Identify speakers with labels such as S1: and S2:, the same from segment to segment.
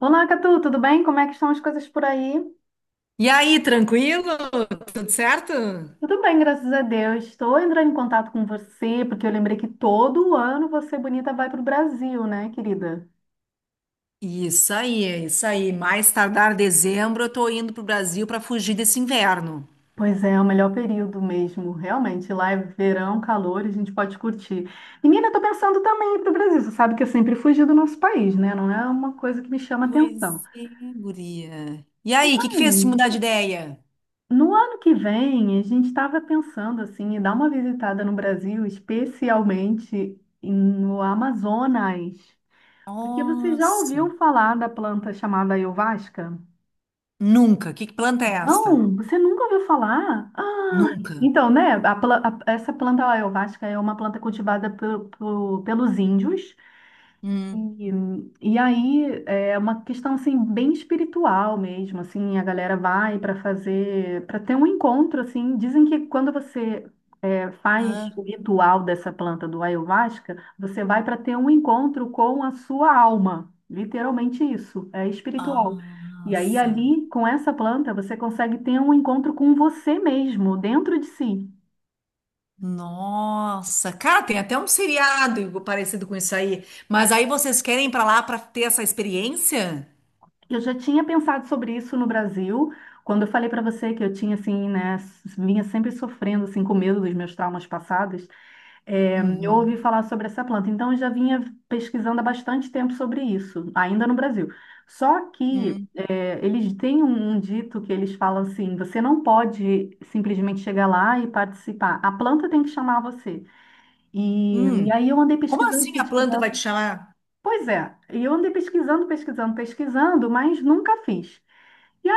S1: Olá, Catu, tudo bem? Como é que estão as coisas por aí?
S2: E aí, tranquilo? Tudo certo?
S1: Tudo bem, graças a Deus. Estou entrando em contato com você porque eu lembrei que todo ano você bonita vai para o Brasil, né, querida?
S2: Isso aí, isso aí. Mais tardar dezembro, eu tô indo pro Brasil para fugir desse inverno.
S1: Pois é, é o melhor período mesmo, realmente. Lá é verão, calor, a gente pode curtir. Menina, estou pensando também em ir para o Brasil. Você sabe que eu sempre fugi do nosso país, né? Não é uma coisa que me chama atenção.
S2: Pois é, guria. E aí, o que que
S1: Ai,
S2: fez te mudar de ideia?
S1: no ano que vem, a gente estava pensando assim, em dar uma visitada no Brasil, especialmente no Amazonas. Porque você já
S2: Nossa,
S1: ouviu falar da planta chamada ayahuasca?
S2: nunca. Que planta é esta?
S1: Não, você nunca ouviu falar? Ah,
S2: Nunca.
S1: então, né? a pla- a- essa planta ayahuasca é uma planta cultivada pelos índios.
S2: Hum.
S1: E, e aí é uma questão assim bem espiritual mesmo, assim, a galera vai para fazer, para ter um encontro assim, dizem que quando você faz
S2: Hã?
S1: o ritual dessa planta do ayahuasca, você vai para ter um encontro com a sua alma. Literalmente isso, é espiritual. E aí,
S2: Nossa,
S1: ali, com essa planta, você consegue ter um encontro com você mesmo, dentro de si.
S2: nossa. Cara, tem até um seriado parecido com isso aí. Mas aí vocês querem ir pra lá pra ter essa experiência?
S1: Eu já tinha pensado sobre isso no Brasil, quando eu falei para você que eu tinha, assim, né, vinha sempre sofrendo, assim, com medo dos meus traumas passados. É, eu ouvi
S2: Uhum.
S1: falar sobre essa planta, então eu já vinha pesquisando há bastante tempo sobre isso, ainda no Brasil. Só que
S2: Hum.
S1: eles têm um dito que eles falam assim: você não pode simplesmente chegar lá e participar, a planta tem que chamar você. E
S2: Hum.
S1: aí eu andei
S2: Como
S1: pesquisando,
S2: assim a planta
S1: pesquisando.
S2: vai te chamar?
S1: Pois é, e eu andei pesquisando, pesquisando, pesquisando, mas nunca fiz. e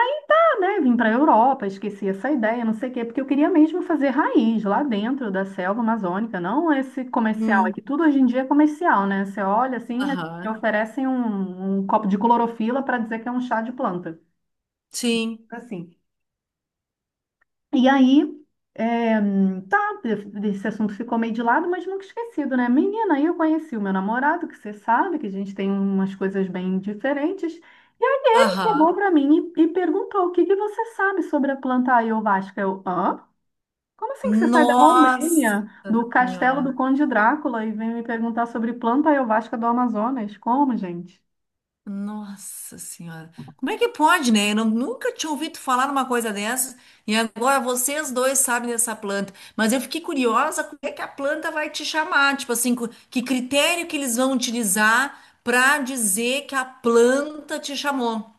S1: né, vim para a Europa, esqueci essa ideia, não sei o quê, porque eu queria mesmo fazer raiz lá dentro da selva amazônica, não esse comercial, é
S2: Hum,
S1: que tudo hoje em dia é comercial, né? Você olha assim, te
S2: aham.
S1: oferecem um, um copo de clorofila para dizer que é um chá de planta,
S2: Sim,
S1: assim. E aí, é, tá, esse assunto ficou meio de lado, mas nunca esquecido, né? Menina, aí eu conheci o meu namorado, que você sabe que a gente tem umas coisas bem diferentes. E aí ele chegou
S2: aham.
S1: para mim e perguntou: o que que você sabe sobre a planta ayovasca? Eu, hã? Como assim que você sai da Romênia,
S2: Nossa
S1: do castelo
S2: Senhora.
S1: do Conde Drácula, e vem me perguntar sobre planta ayovasca do Amazonas? Como, gente?
S2: Nossa Senhora. Como é que pode, né? Eu não- Nunca tinha ouvido falar numa coisa dessa e agora vocês dois sabem dessa planta. Mas eu fiquei curiosa como é que a planta vai te chamar. Tipo assim, que critério que eles vão utilizar para dizer que a planta te chamou?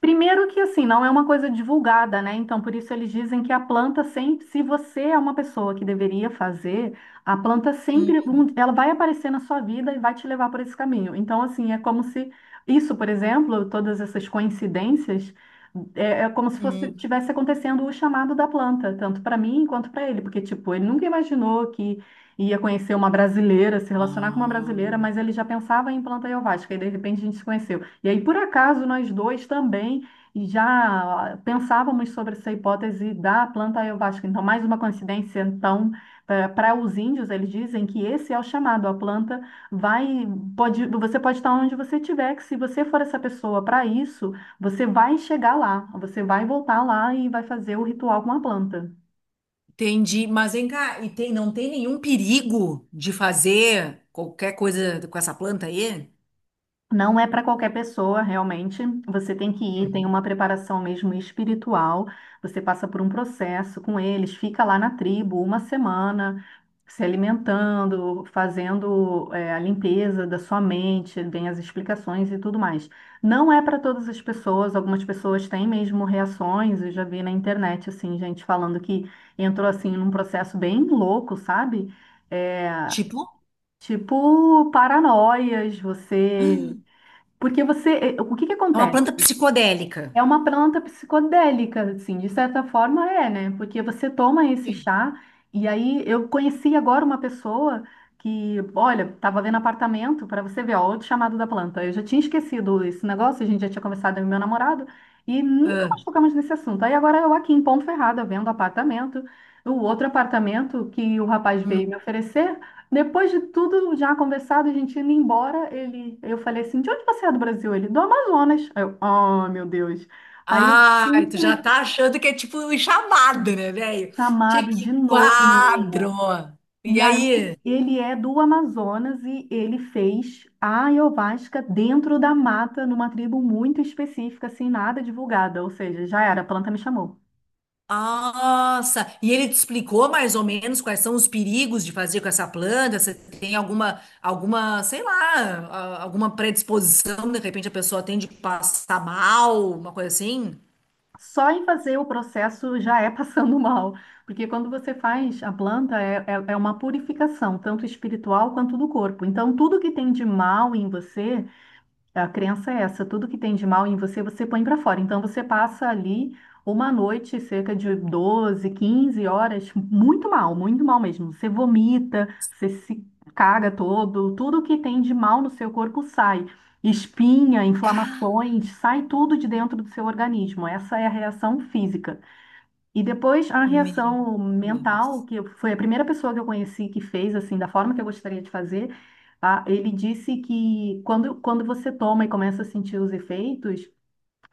S1: Primeiro que assim, não é uma coisa divulgada, né? Então, por isso eles dizem que a planta sempre, se você é uma pessoa que deveria fazer, a planta
S2: Hum,
S1: sempre, ela vai aparecer na sua vida e vai te levar por esse caminho. Então, assim, é como se isso, por exemplo, todas essas coincidências, é como se fosse
S2: hum.
S1: tivesse acontecendo o chamado da planta, tanto para mim quanto para ele, porque tipo, ele nunca imaginou que ia conhecer uma brasileira, se relacionar com uma
S2: Ah.
S1: brasileira, mas ele já pensava em planta ayahuasca e de repente a gente se conheceu. E aí, por acaso, nós dois também já pensávamos sobre essa hipótese da planta ayahuasca. Então, mais uma coincidência. Então, para os índios, eles dizem que esse é o chamado. A planta vai, pode, você pode estar onde você estiver, que se você for essa pessoa para isso, você vai chegar lá, você vai voltar lá e vai fazer o ritual com a planta.
S2: Entendi, mas vem cá, e não tem nenhum perigo de fazer qualquer coisa com essa planta aí?
S1: Não é para qualquer pessoa, realmente. Você tem que ir, tem
S2: Uhum.
S1: uma preparação mesmo espiritual. Você passa por um processo com eles, fica lá na tribo uma semana, se alimentando, fazendo, é, a limpeza da sua mente, vem as explicações e tudo mais. Não é para todas as pessoas, algumas pessoas têm mesmo reações. Eu já vi na internet, assim, gente falando que entrou assim num processo bem louco, sabe? É,
S2: Tipo,
S1: tipo paranoias, você. Porque você, o que que
S2: é uma
S1: acontece?
S2: planta psicodélica.
S1: É uma planta psicodélica, assim, de certa forma é, né? Porque você toma esse
S2: Sim.
S1: chá, e aí eu conheci agora uma pessoa que, olha, tava vendo apartamento, para você ver, ó, outro chamado da planta. Eu já tinha esquecido esse negócio, a gente já tinha conversado com meu namorado, e nunca
S2: Ah,
S1: mais tocamos nesse assunto. Aí agora eu aqui em Ponto Ferrada, vendo apartamento, o outro apartamento que o rapaz veio me
S2: hum.
S1: oferecer, depois de tudo já conversado, a gente indo embora, ele, eu falei assim, de onde você é do Brasil? Ele, do Amazonas. Aí eu, oh, meu Deus. Aí eu
S2: Ai,
S1: fui
S2: tu já
S1: tele-
S2: tá achando que é tipo um chamado, né, velho? Tchê,
S1: chamado de
S2: que
S1: novo,
S2: quadro!
S1: menina.
S2: E
S1: E aí
S2: aí?
S1: ele é do Amazonas e ele fez a ayahuasca dentro da mata, numa tribo muito específica, assim, nada divulgada. Ou seja, já era, a planta me chamou.
S2: Nossa! E ele te explicou mais ou menos quais são os perigos de fazer com essa planta? Você tem alguma, sei lá, alguma predisposição? De repente a pessoa tende a passar mal, uma coisa assim?
S1: Só em fazer o processo já é passando mal, porque quando você faz a planta é uma purificação, tanto espiritual quanto do corpo. Então, tudo que tem de mal em você. A crença é essa, tudo que tem de mal em você, você põe para fora. Então você passa ali uma noite, cerca de 12-15 horas, muito mal mesmo. Você vomita, você se caga todo, tudo que tem de mal no seu corpo sai. Espinha, inflamações, sai tudo de dentro do seu organismo. Essa é a reação física. E depois a
S2: Meu
S1: reação mental,
S2: Deus.
S1: foi a primeira pessoa que eu conheci que fez assim, da forma que eu gostaria de fazer, ah, ele disse que quando, quando você toma e começa a sentir os efeitos,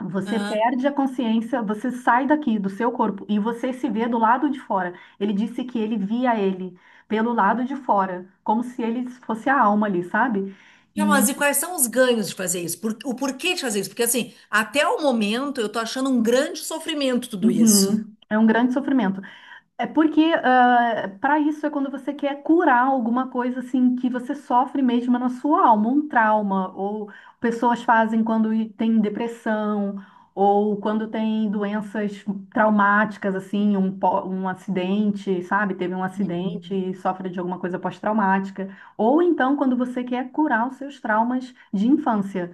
S1: você
S2: Ah,
S1: perde a consciência, você sai daqui do seu corpo e você se vê do lado de fora. Ele disse que ele via ele pelo lado de fora, como se ele fosse a alma ali, sabe?
S2: não,
S1: E
S2: mas e quais são os ganhos de fazer isso? O porquê de fazer isso? Porque assim, até o momento eu tô achando um grande sofrimento tudo isso.
S1: uhum, é um grande sofrimento. É porque para isso é quando você quer curar alguma coisa assim que você sofre mesmo na sua alma, um trauma, ou pessoas fazem quando tem depressão, ou quando tem doenças traumáticas, assim, um acidente, sabe? Teve um acidente e sofre de alguma coisa pós-traumática. Ou então quando você quer curar os seus traumas de infância.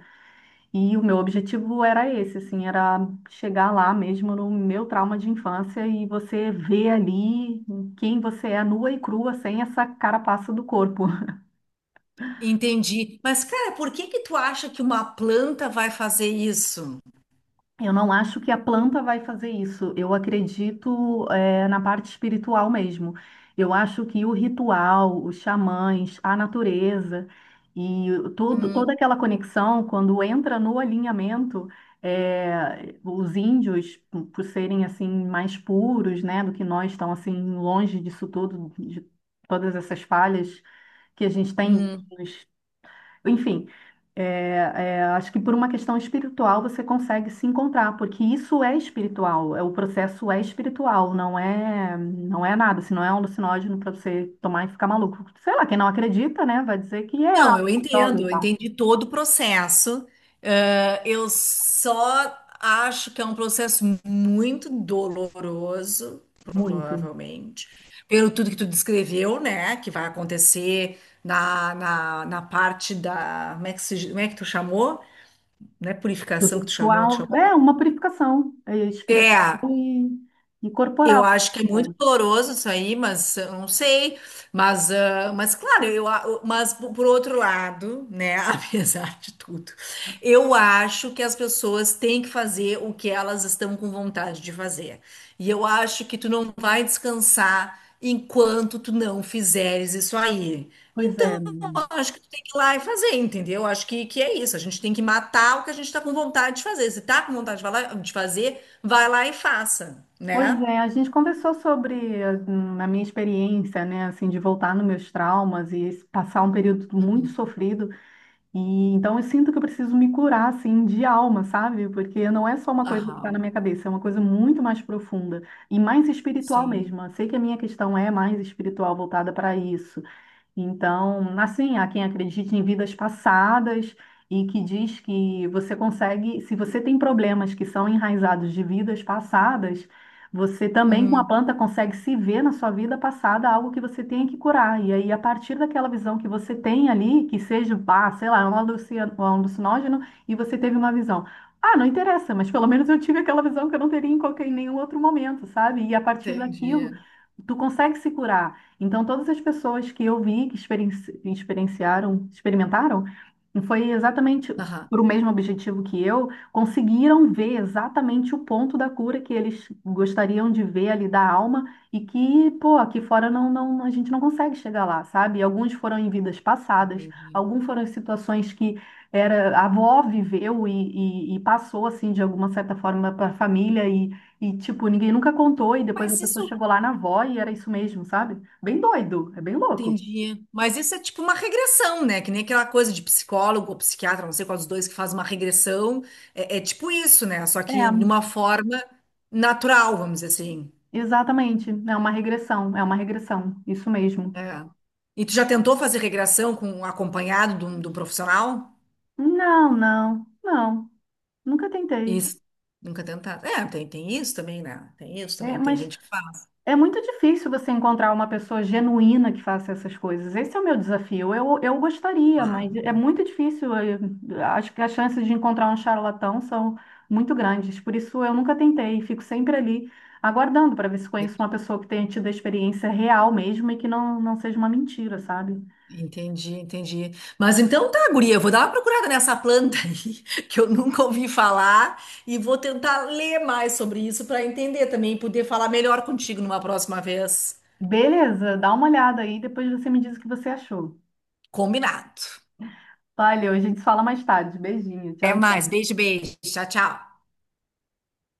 S1: E o meu objetivo era esse, assim, era chegar lá mesmo no meu trauma de infância e você ver ali quem você é nua e crua, sem essa carapaça do corpo.
S2: Entendi. Mas, cara, por que que tu acha que uma planta vai fazer isso?
S1: Eu não acho que a planta vai fazer isso. Eu acredito, na parte espiritual mesmo. Eu acho que o ritual, os xamãs, a natureza todo, toda
S2: Hum,
S1: aquela conexão, quando entra no alinhamento, os índios, por serem assim mais puros, né, do que nós, estão assim longe disso tudo, de todas essas falhas que a gente tem.
S2: hum.
S1: Enfim, acho que por uma questão espiritual você consegue se encontrar, porque isso é espiritual, é, o processo é espiritual, não é nada, se não é um alucinógeno para você tomar e ficar maluco. Sei lá, quem não acredita, né, vai dizer que é a
S2: Não, eu
S1: droga
S2: entendo,
S1: e
S2: eu
S1: tal.
S2: entendi todo o processo. Eu só acho que é um processo muito doloroso,
S1: Muito.
S2: provavelmente, pelo tudo que tu descreveu, né? Que vai acontecer na parte da. Como é que, como é que tu chamou? Não é
S1: O
S2: purificação que tu chamou, tu
S1: ritual
S2: chamou?
S1: é uma purificação é, espiritual
S2: É,
S1: e
S2: eu
S1: corporal.
S2: acho que é muito doloroso isso aí, mas eu não sei. Mas, ah, mas claro, mas por outro lado, né, apesar de tudo, eu acho que as pessoas têm que fazer o que elas estão com vontade de fazer. E eu acho que tu não vai descansar enquanto tu não fizeres isso aí.
S1: Pois é.
S2: Então, eu acho que tu tem que ir lá e fazer, entendeu? Eu acho que é isso. A gente tem que matar o que a gente está com vontade de fazer. Se tá com vontade de fazer, vai lá e faça,
S1: Pois
S2: né?
S1: é, a gente conversou sobre a minha experiência, né, assim, de voltar nos meus traumas e passar um período muito sofrido. E então eu sinto que eu preciso me curar, assim, de alma, sabe? Porque não é só uma coisa que está na
S2: Aham,
S1: minha cabeça, é uma coisa muito mais profunda e mais espiritual
S2: sim.
S1: mesmo. Eu sei que a minha questão é mais espiritual, voltada para isso. Então, assim, há quem acredite em vidas passadas e que diz que você consegue, se você tem problemas que são enraizados de vidas passadas, você também com a
S2: Hum,
S1: planta consegue se ver na sua vida passada algo que você tem que curar. E aí, a partir daquela visão que você tem ali, que seja, ah, sei lá, é um um alucinógeno, e você teve uma visão. Ah, não interessa, mas pelo menos eu tive aquela visão que eu não teria em qualquer, em nenhum outro momento, sabe? E a partir daquilo,
S2: entendi.
S1: tu consegue se curar. Então, todas as pessoas que eu vi que experienciaram, experimentaram, foi exatamente
S2: Aham,
S1: para o mesmo objetivo que eu, conseguiram ver exatamente o ponto da cura que eles gostariam de ver ali da alma e que, pô, aqui fora não, não, a gente não consegue chegar lá, sabe? Alguns foram em vidas passadas,
S2: entendi.
S1: alguns foram em situações que era, a avó viveu e passou, assim, de alguma certa forma para a família e, tipo, ninguém nunca contou e depois a
S2: Mas
S1: pessoa
S2: isso,
S1: chegou lá na avó e era isso mesmo, sabe? Bem doido, é bem louco.
S2: entendi. Mas isso é tipo uma regressão, né? Que nem aquela coisa de psicólogo ou psiquiatra, não sei qual dos dois que faz uma regressão. É, é tipo isso, né? Só
S1: É,
S2: que de uma forma natural, vamos dizer assim.
S1: exatamente. É uma regressão, isso mesmo.
S2: É. E tu já tentou fazer regressão com um acompanhado de um profissional?
S1: Não, não, não, nunca tentei.
S2: Isso. Nunca tentado. É, tem, tem isso também, né? Tem isso também,
S1: É,
S2: que tem
S1: mas
S2: gente que faz.
S1: é muito difícil você encontrar uma pessoa genuína que faça essas coisas. Esse é o meu desafio. Eu gostaria,
S2: Ah,
S1: mas é muito difícil. Acho que as chances de encontrar um charlatão são muito grandes. Por isso, eu nunca tentei. Fico sempre ali aguardando para ver se conheço uma pessoa que tenha tido a experiência real mesmo e que não seja uma mentira, sabe?
S2: entendi, entendi. Mas então tá, guria, eu vou dar uma procurada nessa planta aí, que eu nunca ouvi falar, e vou tentar ler mais sobre isso para entender também e poder falar melhor contigo numa próxima vez.
S1: Beleza, dá uma olhada aí, depois você me diz o que você achou.
S2: Combinado.
S1: Valeu, a gente se fala mais tarde. Beijinho,
S2: Até
S1: tchau,
S2: mais.
S1: tchau.
S2: Beijo, beijo. Tchau, tchau.